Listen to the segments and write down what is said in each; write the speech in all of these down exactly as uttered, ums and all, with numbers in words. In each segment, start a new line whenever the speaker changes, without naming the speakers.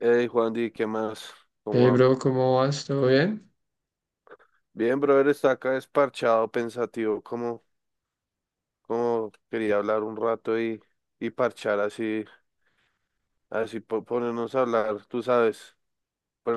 Hey, Juan, Di, ¿qué más? ¿Cómo
Hey,
va?
bro, ¿cómo vas? ¿Todo bien?
Bien, brother, está acá desparchado, pensativo, como, como quería hablar un rato y, y parchar así, así po- ponernos a hablar, tú sabes,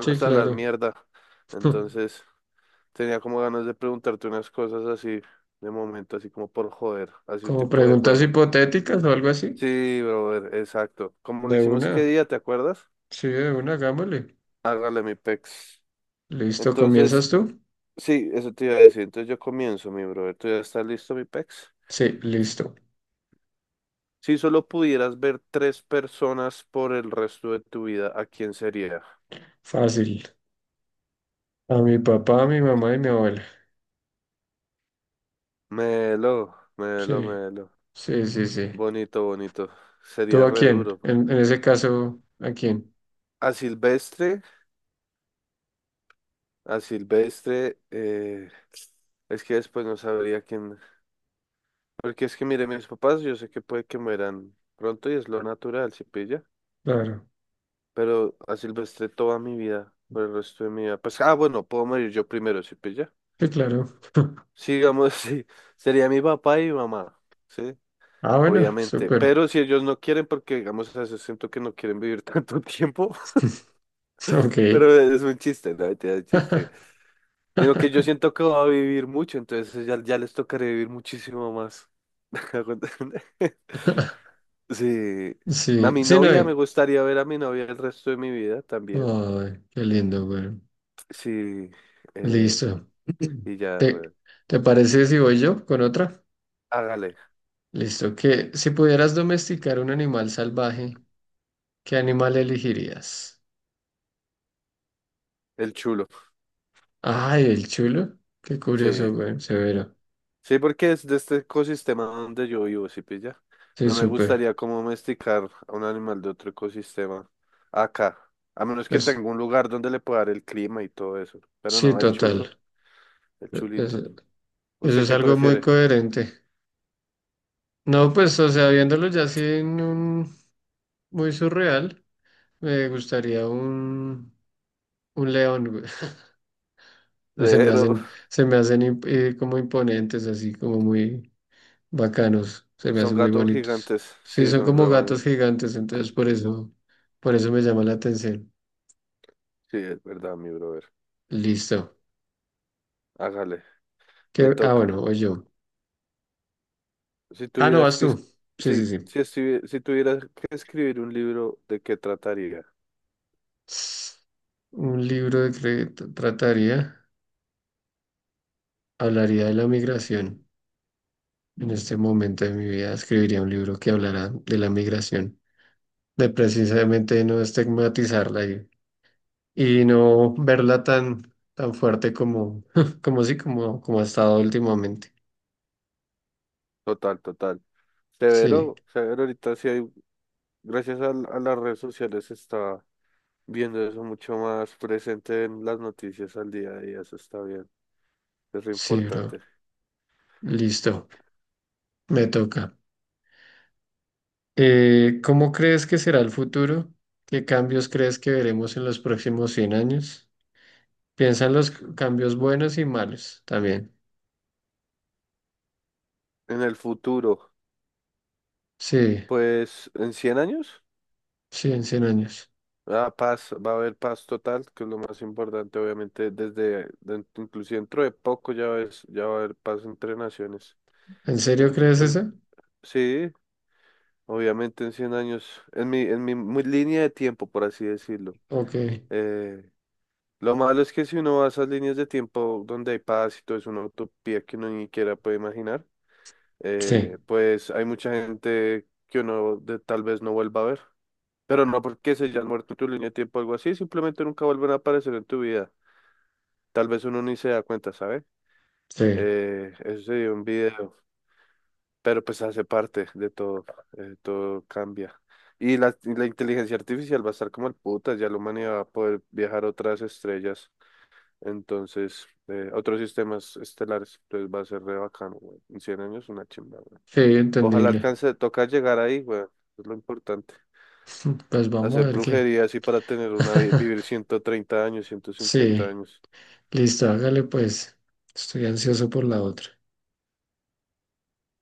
Sí,
a hablar
claro.
mierda. Entonces, tenía como ganas de preguntarte unas cosas así, de momento, así como por joder, así un
Como
tipo de
preguntas
juego.
hipotéticas o algo así.
Sí, brother, exacto. Como lo
De
hicimos
una.
qué día, ¿te acuerdas?
Sí, de una, hagámosle.
Hágale mi pex.
Listo,
Entonces,
¿comienzas tú?
sí, eso te iba a decir. Entonces yo comienzo, mi brother. ¿Tú ya estás listo, mi pex?
Sí, listo.
Si solo pudieras ver tres personas por el resto de tu vida, ¿a quién sería?
Fácil. A mi papá, a mi mamá y mi abuela.
Melo, melo,
Sí,
melo.
sí, sí, sí.
Bonito, bonito.
¿Tú
Sería
a
re
quién?
duro, pa.
En, en ese caso, ¿a quién?
A Silvestre, a Silvestre, eh, es que después no sabría quién. Porque es que, mire, mis papás, yo sé que puede que mueran pronto y es lo natural, si pilla.
Claro.
Pero a Silvestre toda mi vida, por el resto de mi vida. Pues, ah, bueno, puedo morir yo primero, si pilla.
Sí, claro.
Sigamos, sí. Sería mi papá y mi mamá. ¿Sí?
Ah, bueno,
Obviamente,
súper.
pero si ellos no quieren, porque digamos, a veces siento que no quieren vivir tanto tiempo,
Ok.
pero es un chiste, no, mentira, es un chiste. Sino que yo siento que va a vivir mucho, entonces ya, ya les tocaré vivir muchísimo más. Sí, a
Sí,
mi
sí, no
novia, me
hay.
gustaría ver a mi novia el resto de mi vida también.
Ay, qué lindo, güey.
Sí, eh,
Listo.
y ya,
¿Te,
bueno,
te parece si voy yo con otra?
hágale,
Listo. Que si pudieras domesticar un animal salvaje, ¿qué animal elegirías?
el chulo,
Ay, el chulo. Qué curioso,
sí.
güey. Severo.
Sí, porque es de este ecosistema donde yo vivo, ¿sí pilla?
Sí,
No me
súper.
gustaría como domesticar a un animal de otro ecosistema acá, a menos que
Es,
tenga un lugar donde le pueda dar el clima y todo eso. Pero
sí,
no, el chulo,
total.
el
E- es-
chulito.
eso
¿Usted
es
qué
algo muy
prefiere?
coherente. No, pues, o sea, viéndolo ya así en un muy surreal, me gustaría un, un león, güey. Se me
Pero
hacen, se me hacen imp- eh, como imponentes, así como muy bacanos, se me
son
hacen muy
gatos
bonitos.
gigantes,
Sí,
sí,
son
son
como
re
gatos
bonitos.
gigantes, entonces por eso, por eso me llama la atención.
Sí, es verdad, mi brother.
Listo.
Hágale, me
¿Qué? Ah, bueno,
toca.
o yo.
Si
Ah, no,
tuvieras
vas
que,
tú.
es-
Sí, sí,
sí,
sí.
si, estuvi- si tuvieras que escribir un libro, ¿de qué trataría?
Un libro de crédito trataría, hablaría de la migración. En este momento de mi vida escribiría un libro que hablará de la migración, de precisamente no estigmatizarla y, y no verla tan, tan fuerte como, como sí, como, como ha estado últimamente.
Total, total.
Sí.
Severo, severo, ahorita sí hay gracias al- a las redes sociales se está viendo eso mucho más presente en las noticias al día a día, eso está bien, es re
Sí, bro.
importante.
Listo. Me toca. Eh, ¿cómo crees que será el futuro? ¿Qué cambios crees que veremos en los próximos cien años? Piensa en los cambios buenos y malos también.
En el futuro,
Sí,
pues en cien años,
sí, en cien años.
ah, paz, va a haber paz total, que es lo más importante, obviamente, desde, den- inclusive dentro de poco ya ves, ya va a haber paz entre naciones,
¿En serio
eso es
crees
súper, im-
eso?
sí, obviamente en cien años, en mi, en mi, mi línea de tiempo, por así decirlo.
Ok.
eh, Lo malo es que si uno va a esas líneas de tiempo donde hay paz y todo es una utopía que uno ni siquiera puede imaginar,
Sí,
eh, pues hay mucha gente que uno de- tal vez no vuelva a ver. Pero no porque se hayan muerto en tu línea de tiempo o algo así, simplemente nunca vuelven a aparecer en tu vida. Tal vez uno ni se da cuenta, ¿sabes?
sí,
Eh, eso sería un video, pero pues hace parte de todo, eh, todo cambia. Y la, y la inteligencia artificial va a estar como el puta, ya la humanidad va a poder viajar a otras estrellas. Entonces, eh, otros sistemas estelares, entonces va a ser re bacano, güey. En cien años una chimba, güey.
sí,
Ojalá
entendible.
alcance, toca llegar ahí, güey. Es lo importante.
Pues vamos
Hacer
a ver qué.
brujería así para tener una, vi- vivir ciento treinta años, ciento cincuenta
Sí,
años.
listo, hágale pues. Estoy ansioso por la otra.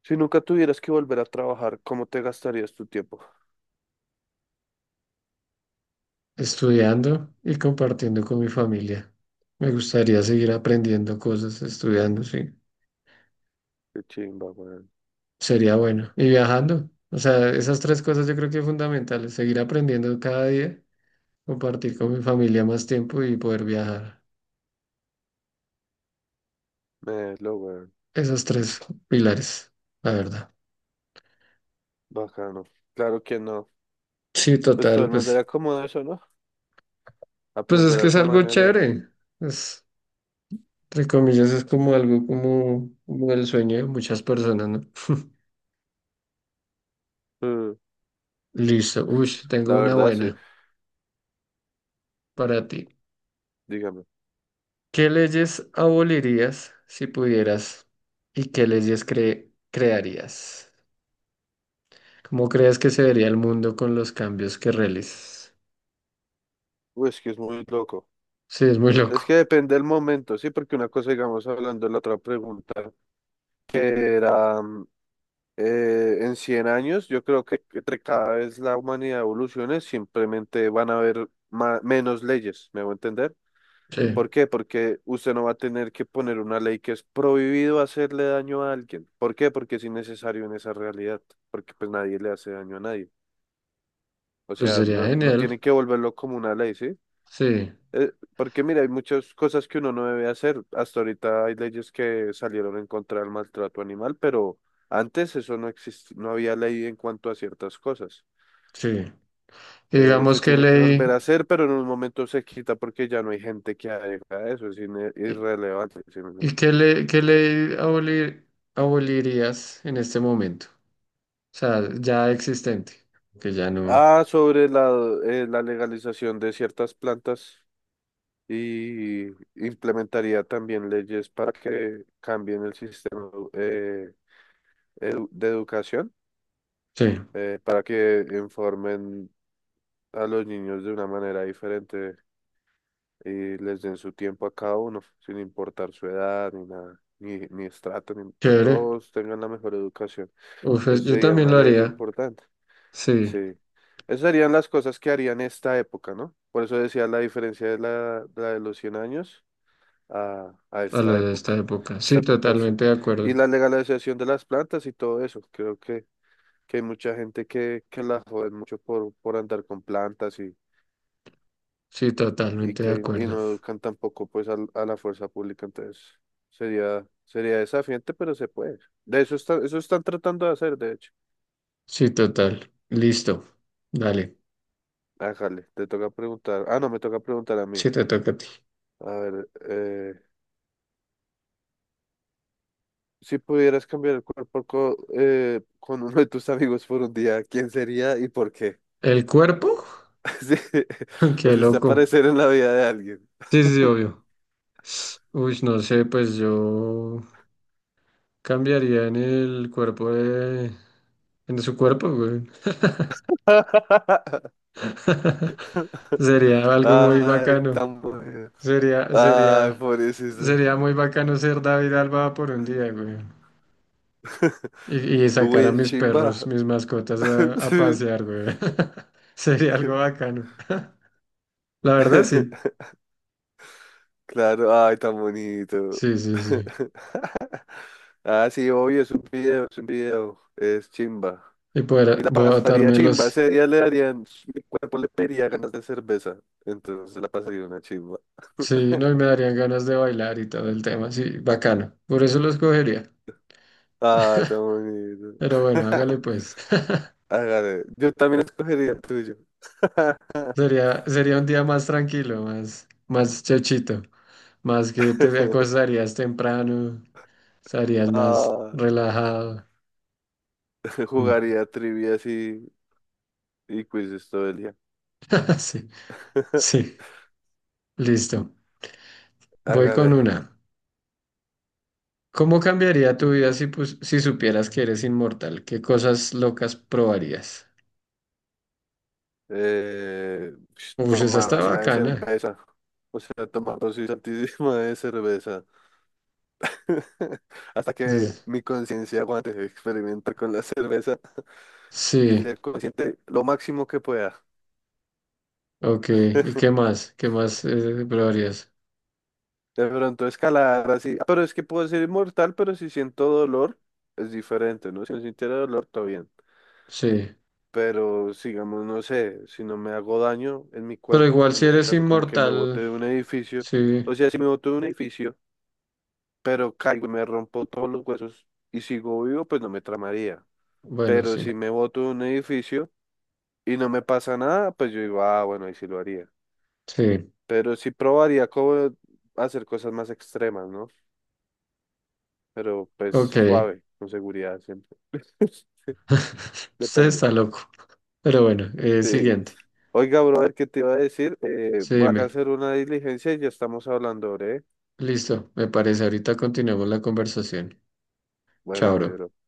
Si nunca tuvieras que volver a trabajar, ¿cómo te gastarías tu tiempo?
Estudiando y compartiendo con mi familia. Me gustaría seguir aprendiendo cosas, estudiando, sí.
Qué chimba, güey.
Sería bueno. Y viajando. O sea, esas tres cosas yo creo que son fundamentales. Seguir aprendiendo cada día, compartir con mi familia más tiempo y poder viajar.
Melo, güey.
Esos tres pilares, la verdad.
Bacano. Claro que no.
Sí,
Pues todo
total,
el mundo
pues,
era como eso, ¿no?
pues es
Aprender
que
a
es
su
algo
manera. eh.
chévere. Es, entre comillas, es como algo como, como el sueño de muchas personas, ¿no?
Mm,
Listo. Uy, tengo
la
una
verdad, sí.
buena para ti.
Dígame.
¿Qué leyes abolirías si pudieras y qué leyes cre- crearías? ¿Cómo crees que se vería el mundo con los cambios que realizas?
Uy, es que es muy loco.
Sí, es muy
Es que
loco.
depende del momento, sí, porque una cosa, digamos, hablando de la otra pregunta, que era mm, eh, en cien años, yo creo que entre cada vez la humanidad evolucione, simplemente van a haber ma- menos leyes, ¿me voy a entender?
Sí,
¿Por qué? Porque usted no va a tener que poner una ley que es prohibido hacerle daño a alguien. ¿Por qué? Porque es innecesario en esa realidad, porque pues nadie le hace daño a nadie. O
pues
sea,
sería
no, no
genial.
tiene que volverlo como una ley, ¿sí?
Sí,
Eh, porque mira, hay muchas cosas que uno no debe hacer. Hasta ahorita hay leyes que salieron en contra del maltrato animal, pero antes eso no existía, no había ley en cuanto a ciertas cosas.
sí. Y
Eh,
digamos
se
qué
tiene que volver
ley,
a hacer, pero en un momento se quita porque ya no hay gente que haga eso, es ine-
y
irrelevante. ¿Sí me entiende?
y qué ley, qué ley abolir- abolirías en este momento? O sea, ya existente, que ya no.
Ah, sobre la, eh, la legalización de ciertas plantas y implementaría también leyes para que cambien el sistema eh, edu- de educación,
Sí,
eh, para que informen a los niños de una manera diferente y les den su tiempo a cada uno, sin importar su edad ni nada, ni, ni estrato, ni que
chévere.
todos tengan la mejor educación.
Uf, es-
Eso
yo
sería
también
una
lo
ley re
haría.
importante.
Sí,
Sí. Esas serían las cosas que harían esta época, ¿no? Por eso decía la diferencia de la, de la de los cien años a, a
a
esta
lo de esta
época.
época.
Esta
Sí,
época sí.
totalmente de acuerdo.
Y la legalización de las plantas y todo eso. Creo que que hay mucha gente que, que la joden mucho por, por andar con plantas y,
Sí,
y
totalmente de
que y
acuerdo.
no educan tampoco pues al- a la fuerza pública, entonces sería, sería desafiante, pero se puede. De eso están, eso están tratando de hacer, de hecho.
Sí, total. Listo. Dale.
Ájale, te toca preguntar. Ah, no, me toca preguntar a mí.
Sí, te toca a ti.
A ver, eh, si pudieras cambiar el cuerpo co- eh, con uno de tus amigos por un día, ¿quién sería y por qué?
¿El cuerpo?
Sí, o
Qué
si usted
loco.
aparecer en la vida de alguien.
Sí, sí, sí, obvio. Uy, no sé, pues yo cambiaría en el cuerpo de... en su cuerpo, güey. Sería algo muy
Ay,
bacano.
tan bueno.
Sería,
Ay,
sería,
pobrecito.
sería muy bacano ser David Alba por un día, güey. Y, y
Uy,
sacar a
es
mis perros,
chimba.
mis mascotas a, a
Sí.
pasear, güey. Sería algo bacano. La verdad, sí.
Claro, ay, tan bonito.
Sí, sí, sí.
Ah, sí, obvio, es un video, es un video. Es chimba.
Y
Y
poder
la
bo-
pasaría
atarme
chimba,
los...
ese día le darían, mi cuerpo le pediría ganas de cerveza. Entonces la pasaría una chimba.
Sí, no, y me darían ganas de bailar y todo el tema. Sí, bacano. Por eso los cogería.
Ay, tan bonito.
Pero bueno, hágale pues.
Hágale, yo también escogería el tuyo.
Sería, sería un día más tranquilo, más, más chochito. Más que te acostarías temprano, estarías más
Ah.
relajado. Mm.
Jugaría trivias y, y quizzes todo el día.
Sí, sí. Listo. Voy con
Hágale.
una. ¿Cómo cambiaría tu vida si, pus- si supieras que eres inmortal? ¿Qué cosas locas probarías?
Eh, sh-
Uy, esa
tomar
está
así la de
bacana.
cerveza. O sea, tomar dosis altísima de cerveza. Hasta que
Es-
mi conciencia aguante experimentar con la cerveza y
Sí,
ser consciente lo máximo que pueda.
ok. ¿Y qué más? ¿Qué más eh, probarías?
De pronto escalar así. ah, Pero es que puedo ser inmortal, pero si siento dolor, es diferente, ¿no? Si no sintiera dolor, todo bien.
Sí.
Pero sigamos, no sé, si no me hago daño en mi
Pero
cuerpo,
igual si
en ese
eres
caso como que me bote
inmortal,
de un edificio,
sí.
o sea, si me boto de un edificio, pero caigo y me rompo todos los huesos y sigo vivo, pues no me tramaría.
Bueno,
Pero
sí.
si me boto de un edificio y no me pasa nada, pues yo digo, ah, bueno, ahí sí lo haría.
Sí,
Pero sí probaría como hacer cosas más extremas, ¿no? Pero pues
ok.
suave, con seguridad siempre.
Usted
Depende.
está loco. Pero bueno, eh,
Sí.
siguiente.
Oiga, brother, ¿qué te iba a decir? Eh,
Sí,
voy acá a
dime.
hacer una diligencia y ya estamos hablando, ¿eh?
Listo, me parece. Ahorita continuamos la conversación.
Bueno,
Chao,
mi
bro.
bro.